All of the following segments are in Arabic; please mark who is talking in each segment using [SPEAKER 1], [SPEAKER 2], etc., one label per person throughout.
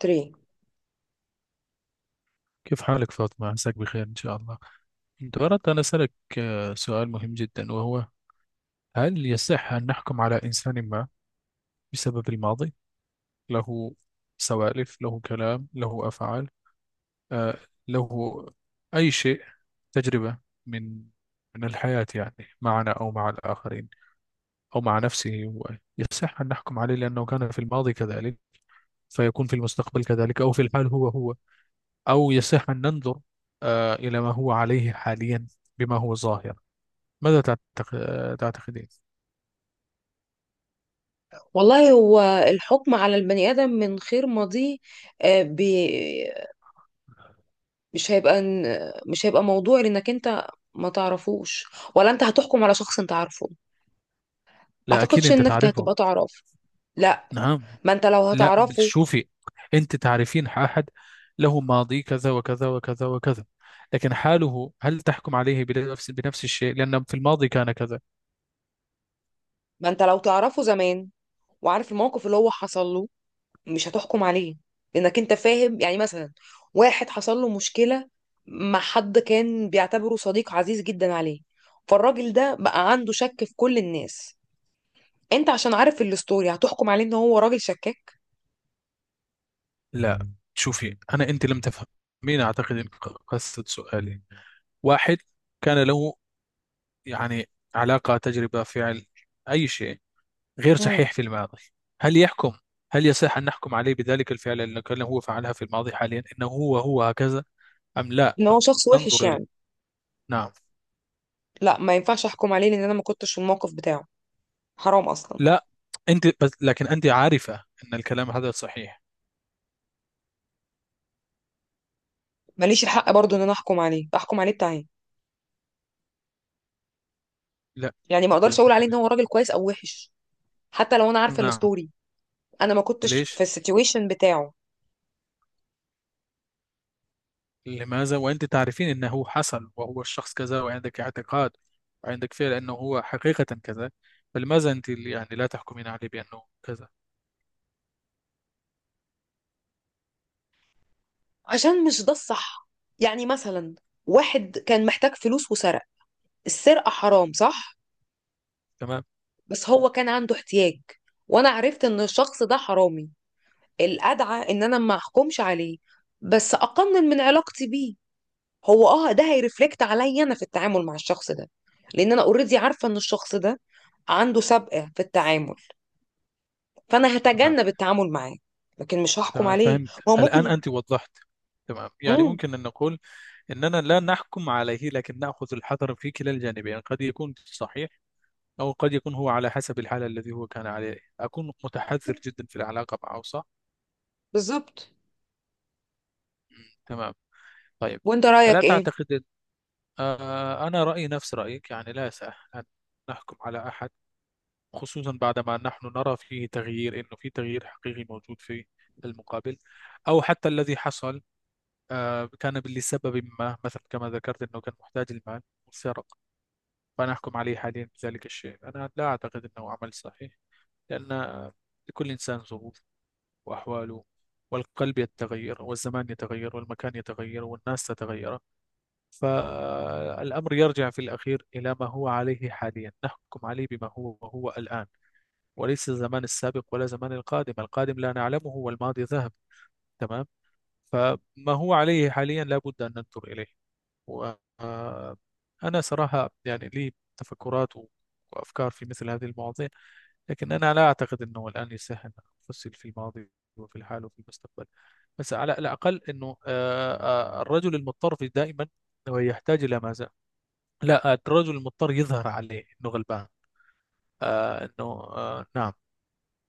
[SPEAKER 1] 3
[SPEAKER 2] كيف حالك فاطمة؟ عساك بخير إن شاء الله. كنت أردت أن أسألك سؤال مهم جدا، وهو هل يصح أن نحكم على إنسان ما بسبب الماضي؟ له سوالف، له كلام، له أفعال، آه، له أي شيء، تجربة من من الحياة، يعني معنا أو مع الآخرين أو مع نفسه. هو يصح أن نحكم عليه لأنه كان في الماضي كذلك فيكون في المستقبل كذلك، أو في الحال هو هو؟ أو يصح أن ننظر إلى ما هو عليه حاليا بما هو ظاهر؟ ماذا تعتقدين؟
[SPEAKER 1] والله هو الحكم على البني آدم من خير ماضيه آه، بي- مش هيبقى مش هيبقى موضوع لانك انت ما تعرفوش، ولا انت هتحكم على شخص انت عارفه.
[SPEAKER 2] لا، أكيد
[SPEAKER 1] اعتقدش
[SPEAKER 2] أنت
[SPEAKER 1] انك
[SPEAKER 2] تعرفه.
[SPEAKER 1] هتبقى تعرفه. لا،
[SPEAKER 2] نعم.
[SPEAKER 1] ما انت لو
[SPEAKER 2] لا،
[SPEAKER 1] هتعرفه.
[SPEAKER 2] شوفي، أنت تعرفين أحد له ماضي كذا وكذا وكذا وكذا، لكن حاله، هل تحكم عليه بنفس الشيء لأن في الماضي كان كذا؟
[SPEAKER 1] ما انت لو تعرفه زمان وعارف الموقف اللي هو حصل له مش هتحكم عليه، لانك انت فاهم. يعني مثلا واحد حصل له مشكلة مع حد كان بيعتبره صديق عزيز جدا عليه، فالراجل ده بقى عنده شك في كل الناس. انت عشان عارف الستوري هتحكم عليه ان هو راجل شكاك.
[SPEAKER 2] لا شوفي، أنا أنت لم تفهمين، أعتقد إن قصد سؤالي، واحد كان له يعني علاقة، تجربة، فعل، أي شيء غير
[SPEAKER 1] امم
[SPEAKER 2] صحيح في الماضي. هل يحكم، هل يصح أن نحكم عليه بذلك الفعل الذي كان هو فعلها في الماضي حاليا، إنه هو هو هكذا، أم لا،
[SPEAKER 1] ان هو
[SPEAKER 2] أم
[SPEAKER 1] شخص وحش
[SPEAKER 2] ننظر إلى؟
[SPEAKER 1] يعني.
[SPEAKER 2] نعم.
[SPEAKER 1] لا، ما ينفعش احكم عليه، لان انا ما كنتش في الموقف بتاعه. حرام اصلا.
[SPEAKER 2] لا، أنت بس، لكن أنت عارفة أن الكلام هذا صحيح.
[SPEAKER 1] ماليش الحق برضو ان انا احكم عليه، احكم عليه بتاعي
[SPEAKER 2] لا،
[SPEAKER 1] يعني. ما
[SPEAKER 2] أنت لم
[SPEAKER 1] اقدرش اقول عليه ان
[SPEAKER 2] تفهمين.
[SPEAKER 1] هو راجل كويس او وحش، حتى لو انا عارفه
[SPEAKER 2] نعم.
[SPEAKER 1] الستوري. انا ما كنتش في
[SPEAKER 2] ليش،
[SPEAKER 1] السيتويشن بتاعه.
[SPEAKER 2] لماذا، وأنت تعرفين أنه حصل وهو الشخص كذا، وعندك اعتقاد وعندك فعل أنه هو حقيقة كذا، فلماذا أنت يعني لا تحكمين عليه بأنه كذا؟
[SPEAKER 1] عشان مش ده الصح. يعني مثلا واحد كان محتاج فلوس وسرق. السرقة حرام صح،
[SPEAKER 2] تمام.
[SPEAKER 1] بس هو كان عنده احتياج. وانا عرفت ان الشخص ده حرامي، الأدعى إن أنا ما أحكمش عليه، بس أقنن من علاقتي بيه. هو أه ده هيرفلكت عليا أنا في التعامل مع الشخص ده، لأن أنا أوريدي عارفة إن الشخص ده عنده سابقة في التعامل، فأنا
[SPEAKER 2] تمام.
[SPEAKER 1] هتجنب التعامل معاه. لكن مش هحكم
[SPEAKER 2] تمام،
[SPEAKER 1] عليه،
[SPEAKER 2] فهمت.
[SPEAKER 1] ما هو
[SPEAKER 2] الآن
[SPEAKER 1] ممكن.
[SPEAKER 2] أنت وضحت. تمام، يعني
[SPEAKER 1] امم
[SPEAKER 2] ممكن أن نقول أننا لا نحكم عليه لكن نأخذ الحذر في كلا الجانبين، قد يكون صحيح، أو قد يكون هو على حسب الحالة الذي هو كان عليه، أكون متحذر جدا في العلاقة معه، صح؟
[SPEAKER 1] بالظبط.
[SPEAKER 2] مم، تمام. طيب.
[SPEAKER 1] وأنت
[SPEAKER 2] ألا
[SPEAKER 1] رأيك إيه؟
[SPEAKER 2] تعتقد؟ أنا رأيي نفس رأيك، يعني لا يسع أن نحكم على أحد، خصوصا بعدما نحن نرى فيه تغيير، إنه في تغيير حقيقي موجود في المقابل، أو حتى الذي حصل كان لسبب ما، مثلا كما ذكرت أنه كان محتاج المال وسرق. فأنا أحكم عليه حاليا بذلك الشيء، أنا لا أعتقد أنه عمل صحيح، لأن لكل إنسان ظروف وأحواله، والقلب يتغير والزمان يتغير والمكان يتغير والناس تتغير. فالأمر يرجع في الأخير إلى ما هو عليه حاليا، نحكم عليه بما هو وهو الآن، وليس الزمان السابق ولا زمان القادم، القادم لا نعلمه والماضي ذهب. تمام. فما هو عليه حاليا لا بد أن ننظر إليه. وأنا صراحة يعني لي تفكرات وأفكار في مثل هذه المواضيع، لكن أنا لا أعتقد أنه الآن يصح أن أفصل في الماضي وفي الحال وفي المستقبل. بس على الأقل أنه الرجل المضطر في دائما هو يحتاج إلى ماذا؟ لا، الرجل المضطر يظهر عليه أنه غلبان، أنه نعم،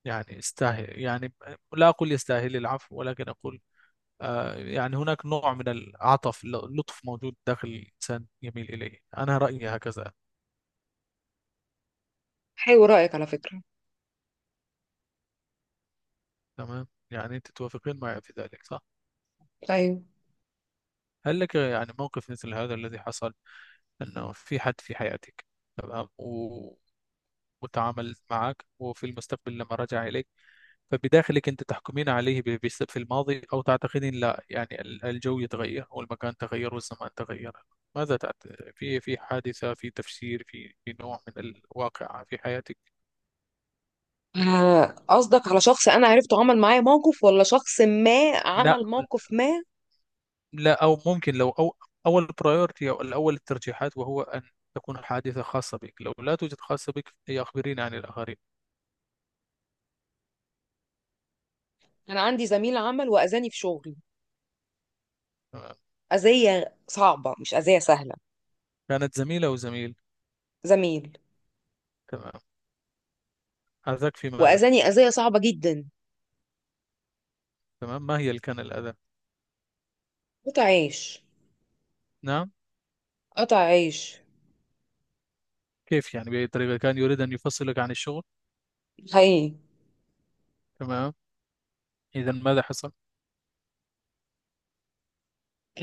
[SPEAKER 2] يعني استاهل يعني، لا أقول يستاهل العفو ولكن أقول يعني هناك نوع من العطف، اللطف موجود داخل الإنسان يميل إليه، أنا رأيي هكذا.
[SPEAKER 1] حلو رأيك على فكرة.
[SPEAKER 2] تمام، يعني أنت توافقين معي في ذلك، صح؟
[SPEAKER 1] ايوه.
[SPEAKER 2] هل لك يعني موقف مثل هذا الذي حصل، أنه في حد في حياتك؟ تمام وتعامل معك وفي المستقبل لما رجع إليك، فبداخلك أنت تحكمين عليه بس في الماضي، أو تعتقدين لا يعني ال- الجو يتغير والمكان تغير والزمان تغير؟ ماذا في حادثة، في تفسير، في نوع من الواقع في حياتك؟
[SPEAKER 1] قصدك على شخص انا عرفته عمل معايا موقف، ولا شخص ما
[SPEAKER 2] لا.
[SPEAKER 1] عمل موقف ما؟
[SPEAKER 2] لا، أو ممكن لو أو أول برايورتي أو الأول الترجيحات، وهو أن تكون حادثة خاصة بك، لو لا توجد خاصة بك، هي أخبريني عن الآخرين.
[SPEAKER 1] انا عندي زميل عمل واذاني في شغلي،
[SPEAKER 2] تمام.
[SPEAKER 1] أذية صعبة مش أذية سهلة.
[SPEAKER 2] كانت زميلة أو زميل؟
[SPEAKER 1] زميل.
[SPEAKER 2] تمام. أذاك في ماذا؟
[SPEAKER 1] وأذاني أذية صعبة جدا.
[SPEAKER 2] تمام، ما هي اللي كان الأذى؟
[SPEAKER 1] قطع عيش.
[SPEAKER 2] نعم.
[SPEAKER 1] قطع عيش.
[SPEAKER 2] كيف يعني، بأي طريقة، كان يريد أن يفصلك عن الشغل؟
[SPEAKER 1] حقيقي.
[SPEAKER 2] تمام. إذا ماذا حصل؟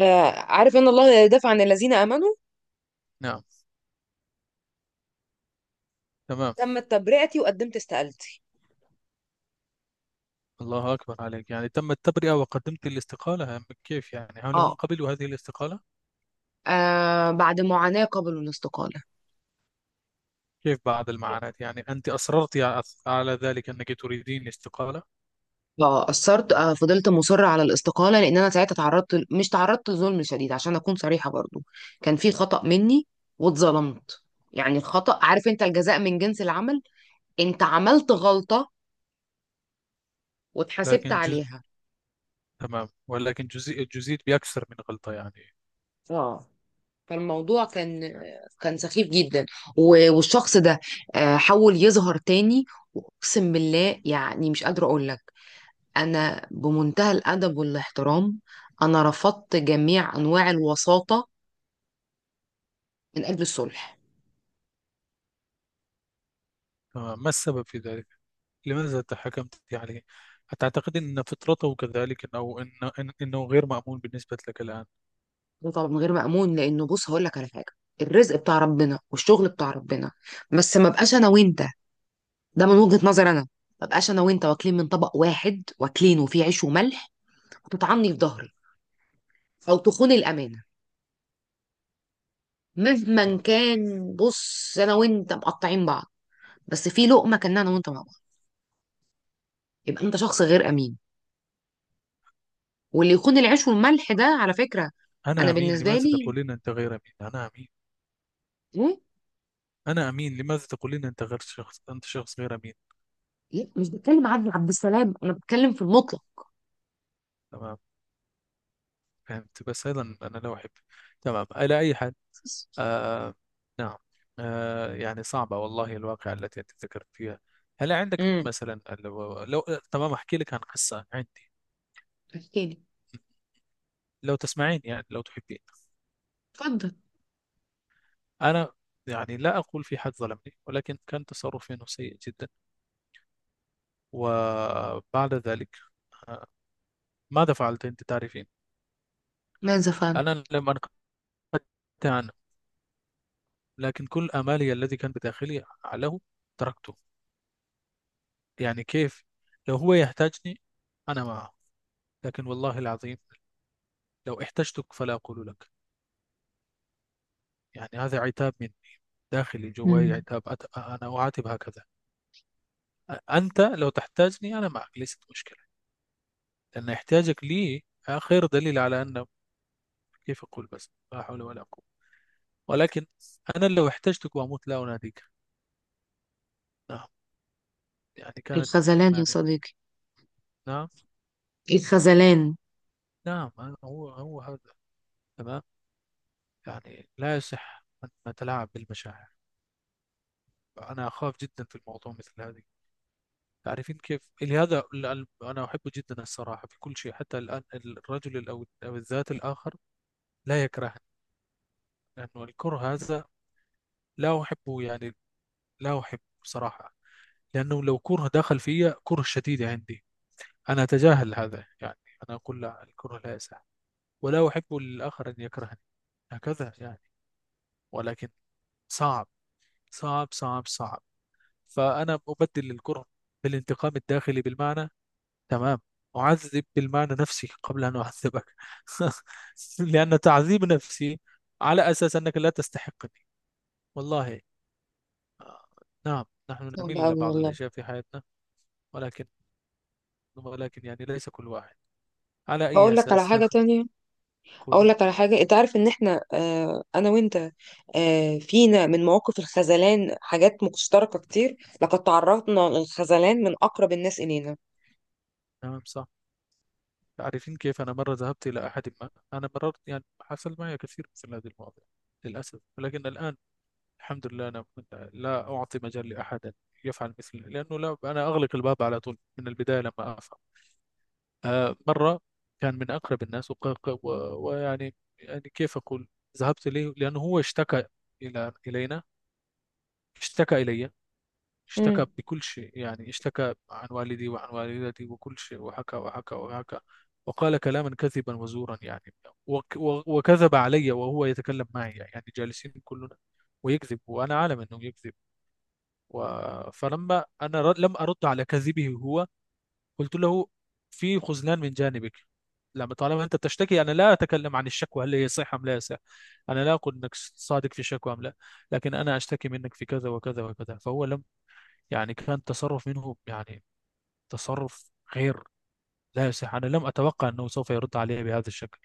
[SPEAKER 1] عارف ان الله لا يدافع عن الذين امنوا.
[SPEAKER 2] نعم. تمام.
[SPEAKER 1] تمت تبرئتي وقدمت استقالتي.
[SPEAKER 2] الله أكبر عليك، يعني تم التبرئة وقدمت الاستقالة، كيف يعني، هل هم
[SPEAKER 1] اه.
[SPEAKER 2] قبلوا هذه الاستقالة؟
[SPEAKER 1] بعد معاناة قبل الاستقالة.
[SPEAKER 2] كيف بعض المعاناة؟ يعني أنت أصررت على ذلك، أنك تريدين الاستقالة؟
[SPEAKER 1] فأثرت، فضلت مصرة على الاستقالة، لأن أنا ساعتها مش تعرضت لظلم شديد عشان أكون صريحة برضو. كان في خطأ مني واتظلمت. يعني الخطأ عارف أنت الجزاء من جنس العمل. أنت عملت غلطة واتحاسبت
[SPEAKER 2] لكن جزء؟
[SPEAKER 1] عليها.
[SPEAKER 2] تمام، ولكن جزيء بأكثر من غلطة يعني.
[SPEAKER 1] اه. فالموضوع كان سخيف جدا. والشخص ده حاول يظهر تاني، واقسم بالله يعني مش قادره اقول لك. انا بمنتهى الادب والاحترام انا رفضت جميع انواع الوساطه من اجل الصلح.
[SPEAKER 2] تمام، ما السبب في ذلك؟ لماذا تحكمت يعني؟ أتعتقد أن فطرته كذلك، إنه غير مأمون بالنسبة لك الآن؟
[SPEAKER 1] ده طبعا من غير مأمون، لانه بص هقول لك على حاجه. الرزق بتاع ربنا والشغل بتاع ربنا، بس ما بقاش انا وانت. ده من وجهة نظر انا. ما بقاش انا وانت واكلين من طبق واحد واكلين وفيه عيش وملح، وتطعني في ظهري او تخون الامانه. مهما
[SPEAKER 2] تمام.
[SPEAKER 1] كان بص انا وانت مقطعين بعض، بس في لقمه كنا انا وانت مع بعض، يبقى انت شخص غير امين. واللي يكون العيش والملح ده على فكره. انا
[SPEAKER 2] أنا أمين،
[SPEAKER 1] بالنسبه
[SPEAKER 2] لماذا
[SPEAKER 1] لي.
[SPEAKER 2] تقولين أنت غير أمين؟ أنا أمين.
[SPEAKER 1] ايه.
[SPEAKER 2] أنا أمين، لماذا تقولين أنت غير شخص، أنت شخص غير أمين؟
[SPEAKER 1] لا، مش بتكلم عن عبد السلام، انا بتكلم في المطلق.
[SPEAKER 2] تمام، فهمت، بس هذا أنا لا أحب. تمام، على أي حال. آه نعم. يعني صعبة والله، الواقعة التي أنت ذكرت فيها. هل عندك
[SPEAKER 1] امم
[SPEAKER 2] مثلا لو؟ تمام، أحكي لك عن قصة عندي.
[SPEAKER 1] احكي لي.
[SPEAKER 2] لو تسمعين، يعني لو تحبين.
[SPEAKER 1] اتفضل.
[SPEAKER 2] أنا يعني لا أقول في حد ظلمني، ولكن كان تصرفي إنه سيء جدا. وبعد ذلك آه، ماذا فعلت؟ أنت تعرفين.
[SPEAKER 1] ماذا فعل.
[SPEAKER 2] أنا لم أنقطع عنه، لكن كل آمالي الذي كان بداخلي له تركته. يعني كيف، لو هو يحتاجني أنا معه، لكن والله العظيم لو احتجتك فلا أقول لك. يعني هذا عتاب مني داخلي جواي،
[SPEAKER 1] مم.
[SPEAKER 2] عتاب أنا أعاتب هكذا. أنت لو تحتاجني أنا معك، ليست مشكلة، لأن احتياجك لي آخر دليل على أن، كيف أقول بس، لا حول ولا قوة. ولكن أنا لو احتجتك وأموت لا أناديك. نعم، يعني كانت.
[SPEAKER 1] الخذلان يا
[SPEAKER 2] يعني.
[SPEAKER 1] صديقي.
[SPEAKER 2] نعم.
[SPEAKER 1] الخذلان.
[SPEAKER 2] نعم، هو هو هذا. تمام. يعني لا يصح أن نتلاعب بالمشاعر، أنا أخاف جدا في الموضوع مثل هذه. تعرفين كيف؟ لهذا أنا أحب جدا الصراحة في كل شيء، حتى الآن الرجل ال- أو أو الذات الآخر لا يكرهني، لأنه الكره هذا لا أحبه يعني، لا أحبه صراحة. لأنه لو كره دخل فيا كره شديد عندي، أنا أتجاهل هذا يعني، أنا أقول لا الكره لا يسع، ولا أحب للآخر أن يكرهني، هكذا يعني. ولكن صعب، صعب صعب صعب. فأنا أبدل الكره بالانتقام الداخلي، بالمعنى. تمام. أعذب بالمعنى نفسي قبل أن أعذبك لأن تعذيب نفسي على أساس أنك لا تستحقني، والله. آه، نعم، نحن
[SPEAKER 1] صعب
[SPEAKER 2] نميل إلى
[SPEAKER 1] أوي
[SPEAKER 2] بعض
[SPEAKER 1] والله.
[SPEAKER 2] الأشياء في حياتنا. ولكن، يعني ليس كل واحد على أي
[SPEAKER 1] هقول لك على
[SPEAKER 2] أساس
[SPEAKER 1] حاجة تانية. اقول
[SPEAKER 2] قولي.
[SPEAKER 1] لك على حاجه. انت عارف ان احنا انا وانت، فينا من مواقف الخذلان حاجات مشتركه كتير. لقد تعرضنا للخذلان من اقرب الناس الينا.
[SPEAKER 2] تمام، صح. تعرفين كيف؟ أنا مرة ذهبت إلى أحد ما، أنا مررت يعني، حصل معي كثير مثل هذه المواضيع للأسف، ولكن الآن الحمد لله أنا لا أعطي مجال لأحد يفعل مثلي، لأنه لا، أنا أغلق الباب على طول من البداية لما أفهم. مرة كان من أقرب الناس ويعني كيف أقول. ذهبت إليه لأنه هو اشتكى إلى اشتكى إلي، اشتكى
[SPEAKER 1] امم
[SPEAKER 2] بكل شيء يعني، اشتكى عن والدي وعن والدتي وكل شيء، وحكى وحكى وحكى. وقال كلاما كذبا وزورا يعني، وكذب علي، وهو يتكلم معي يعني جالسين كلنا ويكذب، وانا عالم انه يكذب. و... فلما انا لم ارد على كذبه هو، قلت له: في خذلان من جانبك. لما طالما انت تشتكي، انا لا اتكلم عن الشكوى هل هي صحيحه ام لا، صح، انا لا اقول انك صادق في الشكوى ام لا، لكن انا اشتكي منك في كذا وكذا وكذا. فهو لم، يعني كان تصرف منه، يعني تصرف غير، لا يصح. أنا لم أتوقع أنه سوف يرد علي بهذا الشكل.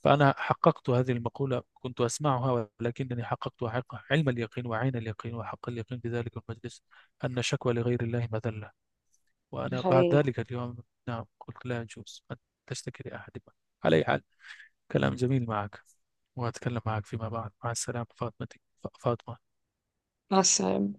[SPEAKER 2] فأنا حققت هذه المقولة، كنت أسمعها ولكنني حققت حق علم اليقين وعين اليقين وحق اليقين بذلك المجلس: أن شكوى لغير الله مذلة.
[SPEAKER 1] ده
[SPEAKER 2] وأنا بعد
[SPEAKER 1] حقيقي.
[SPEAKER 2] ذلك اليوم، نعم، قلت لا يجوز أن تشتكي لأحد ما. على أي حال، كلام جميل معك، وأتكلم معك فيما بعد، مع السلامة فاطمتي، فاطمة.
[SPEAKER 1] مع السلامة.